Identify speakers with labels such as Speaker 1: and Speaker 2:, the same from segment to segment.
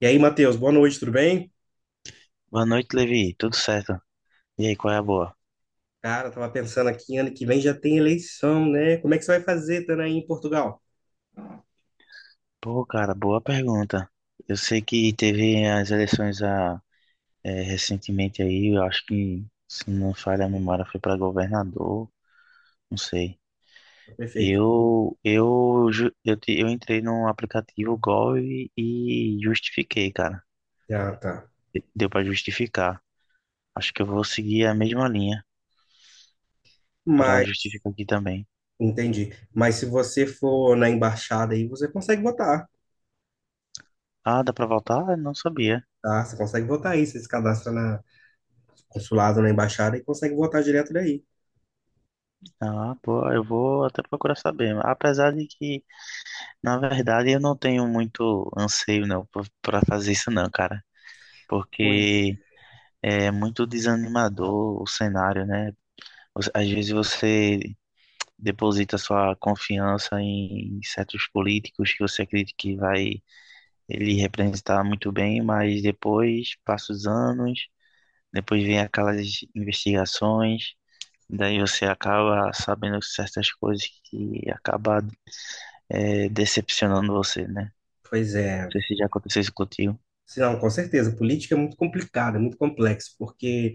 Speaker 1: E aí, Matheus, boa noite, tudo bem?
Speaker 2: Boa noite, Levi. Tudo certo? E aí, qual é a boa?
Speaker 1: Cara, eu tava pensando aqui, ano que vem já tem eleição, né? Como é que você vai fazer, estando aí em Portugal?
Speaker 2: Pô, cara, boa pergunta. Eu sei que teve as eleições recentemente aí, eu acho que, se não falha a memória, foi para governador, não sei.
Speaker 1: Tá, perfeito.
Speaker 2: Eu, ju- eu, te- eu entrei no aplicativo Gol e justifiquei, cara.
Speaker 1: Ah, tá.
Speaker 2: Deu para justificar. Acho que eu vou seguir a mesma linha para
Speaker 1: Mas,
Speaker 2: justificar aqui também.
Speaker 1: Entendi. Mas se você for na embaixada aí, você consegue votar,
Speaker 2: Ah, dá para voltar? Não sabia.
Speaker 1: tá? Você consegue votar aí, você se cadastra na consulado, na embaixada e consegue votar direto daí.
Speaker 2: Ah, pô, eu vou até procurar saber. Apesar de que, na verdade, eu não tenho muito anseio não para fazer isso não, cara,
Speaker 1: Pois,
Speaker 2: porque é muito desanimador o cenário, né? Às vezes você deposita sua confiança em certos políticos que você acredita que vai ele representar muito bem, mas depois passa os anos, depois vem aquelas investigações, daí você acaba sabendo certas coisas que acaba decepcionando você, né?
Speaker 1: pois é.
Speaker 2: Não sei se já aconteceu isso contigo.
Speaker 1: Se Não, com certeza. Política é muito complicada, é muito complexo, porque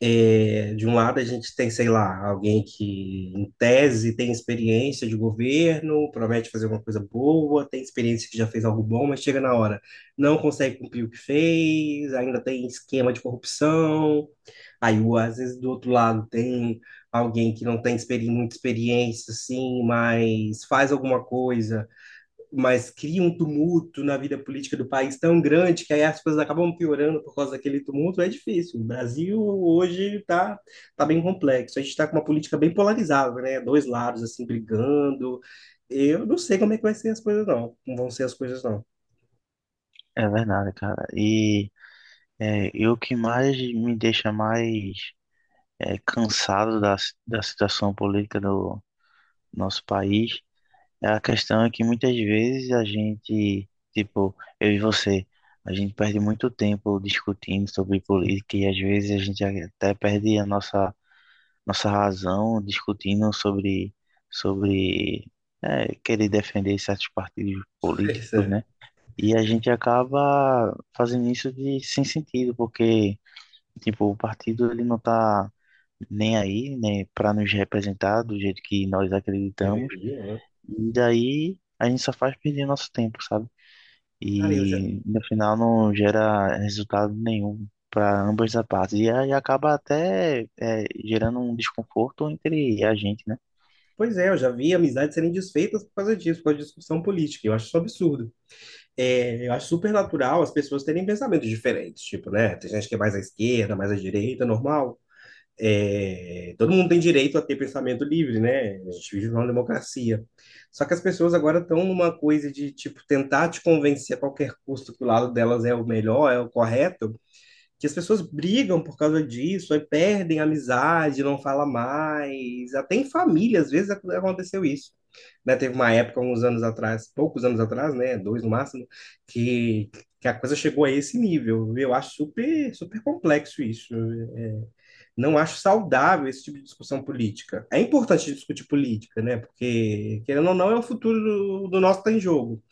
Speaker 1: é, de um lado, a gente tem, sei lá, alguém que, em tese, tem experiência de governo, promete fazer uma coisa boa, tem experiência que já fez algo bom, mas chega na hora, não consegue cumprir o que fez, ainda tem esquema de corrupção. Aí, às vezes, do outro lado, tem alguém que não tem experi muita experiência, assim, mas faz alguma coisa, mas cria um tumulto na vida política do país tão grande que aí as coisas acabam piorando por causa daquele tumulto, é difícil. O Brasil hoje está tá bem complexo. A gente está com uma política bem polarizada, né? Dois lados assim brigando. Eu não sei como é que vai ser as coisas, não. Como vão ser as coisas, não.
Speaker 2: É verdade, cara. E e o que mais me deixa cansado da situação política do nosso país é a questão é que muitas vezes a gente, tipo, eu e você, a gente perde muito tempo discutindo sobre política e às vezes a gente até perde nossa razão discutindo sobre querer defender certos partidos
Speaker 1: Pois
Speaker 2: políticos,
Speaker 1: é,
Speaker 2: né? E a gente acaba fazendo isso de sem sentido, porque, tipo, o partido ele não tá nem aí, né, para nos representar do jeito que nós acreditamos.
Speaker 1: deveria, né?
Speaker 2: E daí a gente só faz perder nosso tempo, sabe?
Speaker 1: Cara, eu já.
Speaker 2: E no final não gera resultado nenhum para ambas as partes. E aí acaba gerando um desconforto entre a gente,
Speaker 1: Pois é, eu já vi amizades serem desfeitas por causa disso, por causa de discussão política. Eu acho isso um absurdo. É, eu acho super natural as pessoas terem pensamentos diferentes, tipo, né? Tem gente que é mais à esquerda, mais à direita, normal. É, todo mundo tem direito a ter pensamento livre, né? A gente vive numa democracia. Só que as pessoas agora estão numa coisa de, tipo, tentar te convencer a qualquer custo que o lado delas é o melhor, é o correto, que as pessoas brigam por causa disso, aí perdem a amizade, não fala mais. Até em família, às vezes, aconteceu isso. Né? Teve uma época, uns anos atrás, poucos anos atrás, né? Dois no máximo, que, que a coisa chegou a esse nível. Eu acho super, super complexo isso. Não acho saudável esse tipo de discussão política. É importante discutir política, né? Porque, querendo ou não, é o futuro do nosso que está em jogo,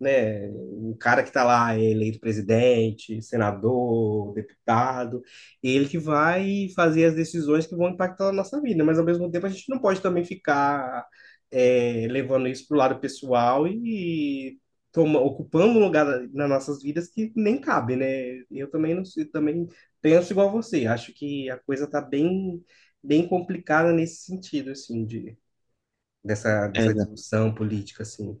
Speaker 1: né? O cara que está lá é eleito presidente, senador, deputado, ele que vai fazer as decisões que vão impactar a nossa vida, mas ao mesmo tempo a gente não pode também ficar é, levando isso para o lado pessoal e toma, ocupando um lugar nas nossas vidas que nem cabe, né? Eu também não sei, também penso igual a você, acho que a coisa está bem, bem complicada nesse sentido, assim, de, dessa
Speaker 2: né?
Speaker 1: discussão política, assim.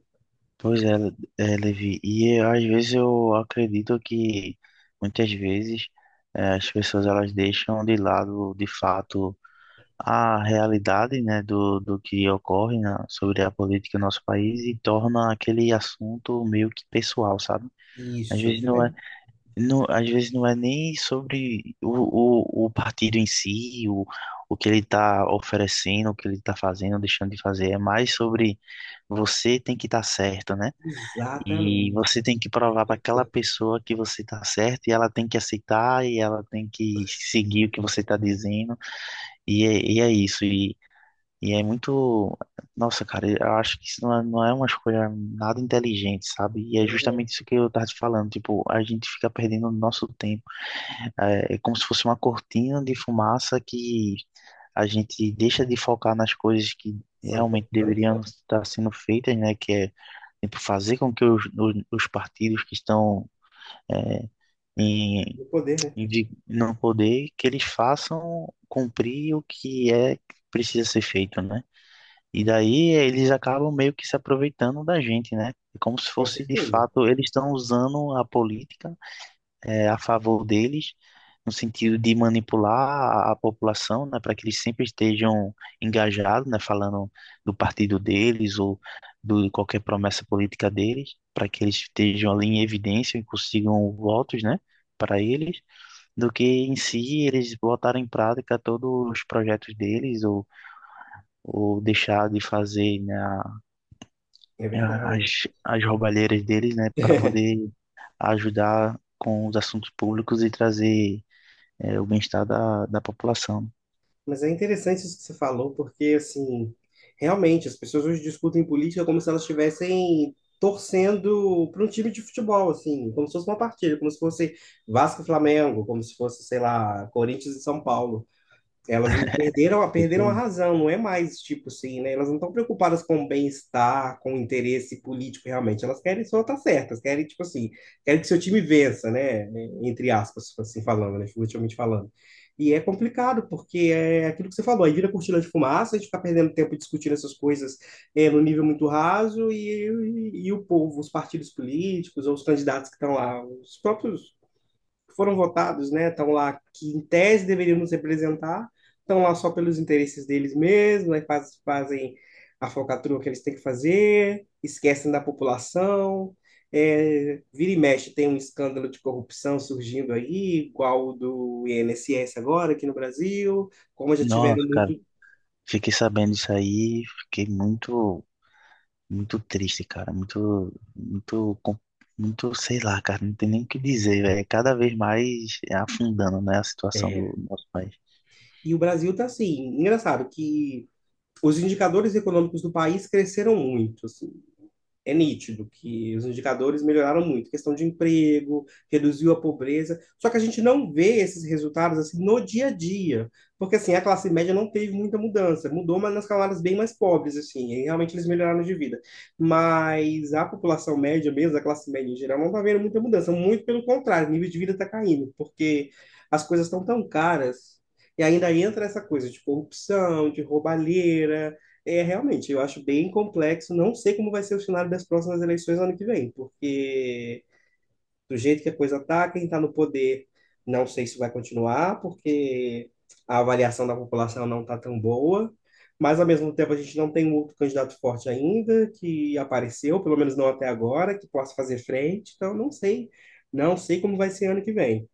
Speaker 2: Pois é, Levi. E às vezes eu acredito que muitas vezes as pessoas elas deixam de lado de fato a realidade, né, do que ocorre sobre a política no nosso país e torna aquele assunto meio que pessoal, sabe? Às
Speaker 1: Isso, isso.
Speaker 2: vezes não é, não, às vezes não é nem sobre o partido em si, o que ele está oferecendo, o que ele está fazendo, deixando de fazer, é mais sobre você tem que estar certo, né? E
Speaker 1: Exatamente.
Speaker 2: você tem que provar para aquela pessoa que você tá certo e ela tem que aceitar e ela tem que seguir o que você tá dizendo. E é isso. E é muito. Nossa, cara, eu acho que não é uma escolha nada inteligente, sabe? E é
Speaker 1: É,
Speaker 2: justamente isso que eu tava te falando. Tipo, a gente fica perdendo o nosso tempo. É, é como se fosse uma cortina de fumaça que a gente deixa de focar nas coisas que
Speaker 1: são
Speaker 2: realmente
Speaker 1: importantes,
Speaker 2: deveriam
Speaker 1: né?
Speaker 2: estar sendo feitas, né? Que é, tipo, fazer com que os partidos que estão é, em,
Speaker 1: No poder, né?
Speaker 2: no poder, que eles façam cumprir o que é que precisa ser feito, né? E daí eles acabam meio que se aproveitando da gente, né? É como se
Speaker 1: Com
Speaker 2: fosse de
Speaker 1: certeza.
Speaker 2: fato, eles estão usando a política a favor deles, no sentido de manipular a população, né, para que eles sempre estejam engajados, né, falando do partido deles ou de qualquer promessa política deles, para que eles estejam ali em evidência e consigam votos, né, para eles, do que em si eles botarem em prática todos os projetos deles ou deixar de fazer, né,
Speaker 1: É verdade.
Speaker 2: as roubalheiras deles, né, para poder ajudar com os assuntos públicos e trazer o bem-estar da população.
Speaker 1: Mas é interessante isso que você falou, porque, assim, realmente, as pessoas hoje discutem política como se elas estivessem torcendo para um time de futebol, assim, como se fosse uma partida, como se fosse Vasco e Flamengo, como se fosse, sei lá, Corinthians e São Paulo. Elas não
Speaker 2: É isso
Speaker 1: perderam a
Speaker 2: aí.
Speaker 1: razão, não é mais tipo assim, né? Elas não estão preocupadas com o bem-estar, com o interesse político realmente. Elas querem só estar certas, querem, tipo assim, querem que seu time vença, né? Entre aspas, assim falando, né? Figurativamente falando. E é complicado, porque é aquilo que você falou, aí vira cortina de fumaça, a gente fica perdendo tempo discutindo essas coisas é, no nível muito raso, e o povo, os partidos políticos, ou os candidatos que estão lá, os próprios foram votados, né, estão lá que em tese deveriam nos representar, estão lá só pelos interesses deles mesmos, né, fazem a falcatrua que eles têm que fazer, esquecem da população. É, vira e mexe, tem um escândalo de corrupção surgindo aí, igual o do INSS agora aqui no Brasil, como já tiveram
Speaker 2: Nossa, cara,
Speaker 1: muito.
Speaker 2: fiquei sabendo isso aí, fiquei muito, muito triste, cara, muito, muito, muito, sei lá, cara, não tem nem o que dizer, velho. Cada vez mais é afundando, né, a situação
Speaker 1: É.
Speaker 2: do nosso país.
Speaker 1: E o Brasil está assim, engraçado que os indicadores econômicos do país cresceram muito. Assim, é nítido que os indicadores melhoraram muito, questão de emprego, reduziu a pobreza, só que a gente não vê esses resultados assim no dia a dia, porque assim, a classe média não teve muita mudança, mudou, mas nas camadas bem mais pobres, assim, e realmente eles melhoraram de vida, mas a população média mesmo, a classe média em geral, não está vendo muita mudança, muito pelo contrário, o nível de vida está caindo, porque as coisas estão tão caras, e ainda entra essa coisa de corrupção, de roubalheira, é, realmente, eu acho bem complexo. Não sei como vai ser o cenário das próximas eleições ano que vem, porque do jeito que a coisa está, quem está no poder, não sei se vai continuar, porque a avaliação da população não está tão boa. Mas, ao mesmo tempo, a gente não tem um outro candidato forte ainda que apareceu, pelo menos não até agora, que possa fazer frente. Então, não sei. Não sei como vai ser ano que vem.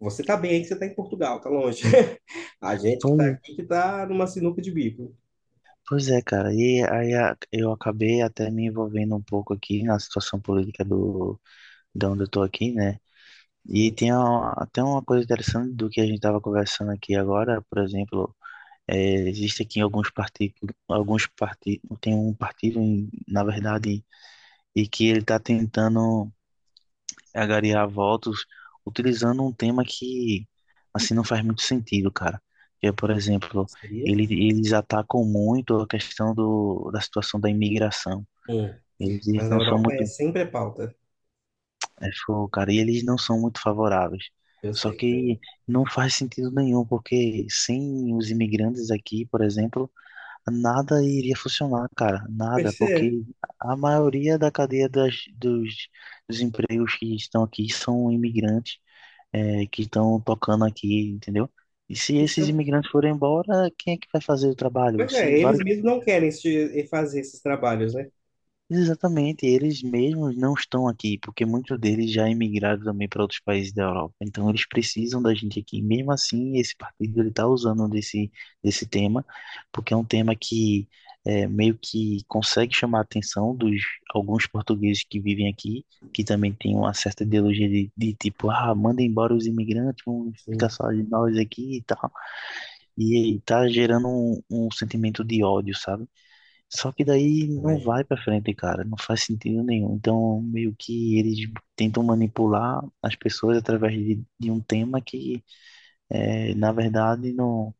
Speaker 1: Você está bem aí que você está em Portugal, está longe. A gente que está
Speaker 2: Pois,
Speaker 1: aqui que está numa sinuca de bico.
Speaker 2: pois é, cara, e aí eu acabei até me envolvendo um pouco aqui na situação política do, de onde eu tô aqui, né? E
Speaker 1: Sim,
Speaker 2: tem até uma coisa interessante do que a gente tava conversando aqui agora, por exemplo. É, existe aqui alguns partidos, tem um partido, um, na verdade, e que ele está tentando angariar votos utilizando um tema que, assim, não faz muito sentido, cara. Que é, por exemplo,
Speaker 1: seria?
Speaker 2: ele, eles atacam muito a questão do, da situação da imigração.
Speaker 1: Hum.
Speaker 2: Eles
Speaker 1: Mas na
Speaker 2: não são
Speaker 1: Europa é
Speaker 2: muito,
Speaker 1: sempre a pauta.
Speaker 2: é, foi, cara, e eles não são muito favoráveis.
Speaker 1: Eu
Speaker 2: Só
Speaker 1: sei,
Speaker 2: que
Speaker 1: imagina.
Speaker 2: não faz sentido nenhum, porque sem os imigrantes aqui, por exemplo, nada iria funcionar, cara, nada,
Speaker 1: Pois é.
Speaker 2: porque a maioria da cadeia dos empregos que estão aqui são imigrantes, que estão tocando aqui, entendeu? E se
Speaker 1: Isso
Speaker 2: esses
Speaker 1: é.
Speaker 2: imigrantes forem embora, quem é que vai fazer o trabalho?
Speaker 1: Pois é,
Speaker 2: Se
Speaker 1: eles
Speaker 2: vários
Speaker 1: mesmos não querem fazer esses trabalhos, né?
Speaker 2: Exatamente, eles mesmos não estão aqui, porque muitos deles já emigraram também para outros países da Europa. Então eles precisam da gente aqui. Mesmo assim, esse partido ele está usando desse tema, porque é um tema que meio que consegue chamar a atenção dos alguns portugueses que vivem aqui, que também têm uma certa ideologia de tipo, ah, manda embora os imigrantes, vamos ficar
Speaker 1: Sim,
Speaker 2: só nós aqui e tal. E está gerando um sentimento de ódio, sabe? Só que daí não
Speaker 1: imagino.
Speaker 2: vai pra frente, cara, não faz sentido nenhum. Então, meio que eles tentam manipular as pessoas através de um tema que, eh, na verdade, não,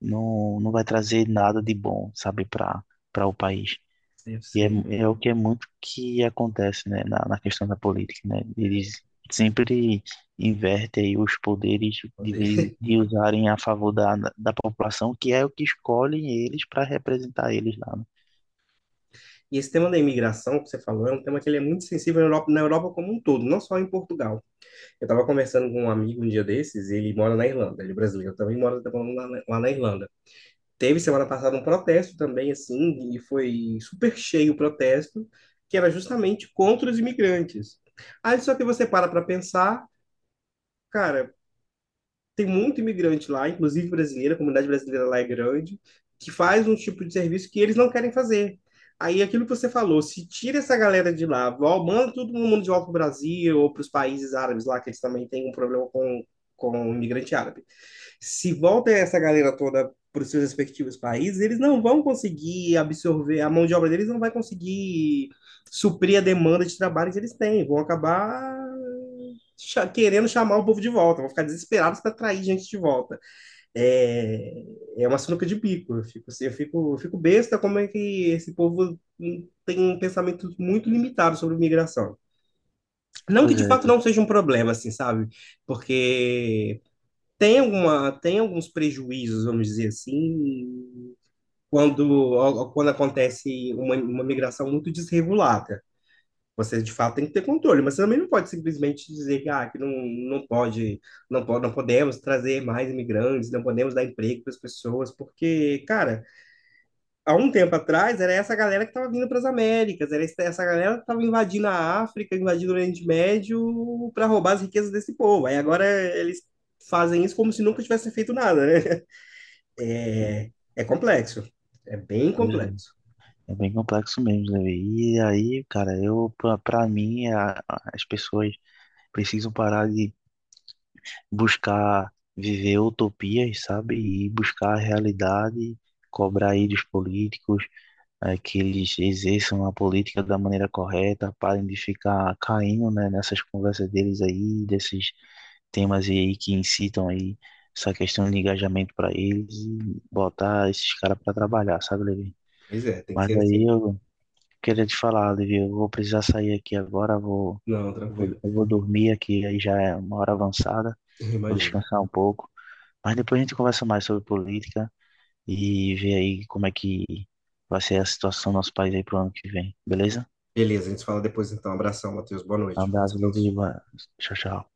Speaker 2: não, não vai trazer nada de bom, sabe, para para o país.
Speaker 1: Eu
Speaker 2: E é,
Speaker 1: sei.
Speaker 2: é o que é muito que acontece, né, na questão da política, né? Eles sempre invertem aí os poderes
Speaker 1: Meu Deus.
Speaker 2: de usarem a favor da população, que é o que escolhem eles para representar eles lá, né?
Speaker 1: E esse tema da imigração que você falou é um tema que ele é muito sensível na Europa como um todo, não só em Portugal. Eu estava conversando com um amigo um dia desses, e ele mora na Irlanda, ele é brasileiro, também mora tá morando lá, lá na Irlanda. Teve semana passada um protesto também, assim, e foi super cheio o protesto, que era justamente contra os imigrantes. Aí só que você para para pensar, cara, tem muito imigrante lá, inclusive brasileira, a comunidade brasileira lá é grande, que faz um tipo de serviço que eles não querem fazer. Aí aquilo que você falou, se tira essa galera de lá, manda todo mundo de volta para o Brasil ou para os países árabes lá, que eles também têm um problema com o imigrante árabe. Se volta essa galera toda para os seus respectivos países, eles não vão conseguir absorver, a mão de obra deles não vai conseguir suprir a demanda de trabalho que eles têm, vão acabar querendo chamar o povo de volta, vão ficar desesperados para atrair gente de volta. É, é uma sinuca de bico. Eu fico, assim, eu fico besta como é que esse povo tem um pensamento muito limitado sobre migração. Não que
Speaker 2: Pois
Speaker 1: de
Speaker 2: é.
Speaker 1: fato não seja um problema, assim, sabe? Porque tem alguns prejuízos, vamos dizer assim, quando acontece uma migração muito desregulada. Você, de fato, tem que ter controle, mas você também não pode simplesmente dizer que, ah, que não, não pode, não pode, não podemos trazer mais imigrantes, não podemos dar emprego para as pessoas, porque, cara, há um tempo atrás era essa galera que estava vindo para as Américas, era essa galera que estava invadindo a África, invadindo o Oriente Médio para roubar as riquezas desse povo. Aí agora eles fazem isso como se nunca tivessem feito nada, né? É, é complexo, é bem
Speaker 2: Pois é,
Speaker 1: complexo.
Speaker 2: é bem complexo mesmo, Levi. E aí, cara, eu, pra mim, é as pessoas precisam parar de buscar viver utopias, sabe? E buscar a realidade, cobrar aí dos políticos, que eles exerçam a política da maneira correta, parem de ficar caindo, né, nessas conversas deles aí, desses temas aí que incitam aí essa questão de engajamento para eles e botar esses caras para trabalhar, sabe, Levi?
Speaker 1: Pois é, tem que ser
Speaker 2: Mas aí
Speaker 1: assim.
Speaker 2: eu queria te falar, Olivia, eu vou precisar sair aqui agora,
Speaker 1: Não, tranquilo.
Speaker 2: eu vou dormir aqui, aí já é uma hora avançada, vou
Speaker 1: Imagino.
Speaker 2: descansar um pouco, mas depois a gente conversa mais sobre política e vê aí como é que vai ser a situação do nosso país aí pro ano que vem, beleza?
Speaker 1: Beleza, a gente se fala depois então. Abração, Matheus. Boa
Speaker 2: Um
Speaker 1: noite.
Speaker 2: abraço, Olivia,
Speaker 1: Descanso.
Speaker 2: tchau, tchau.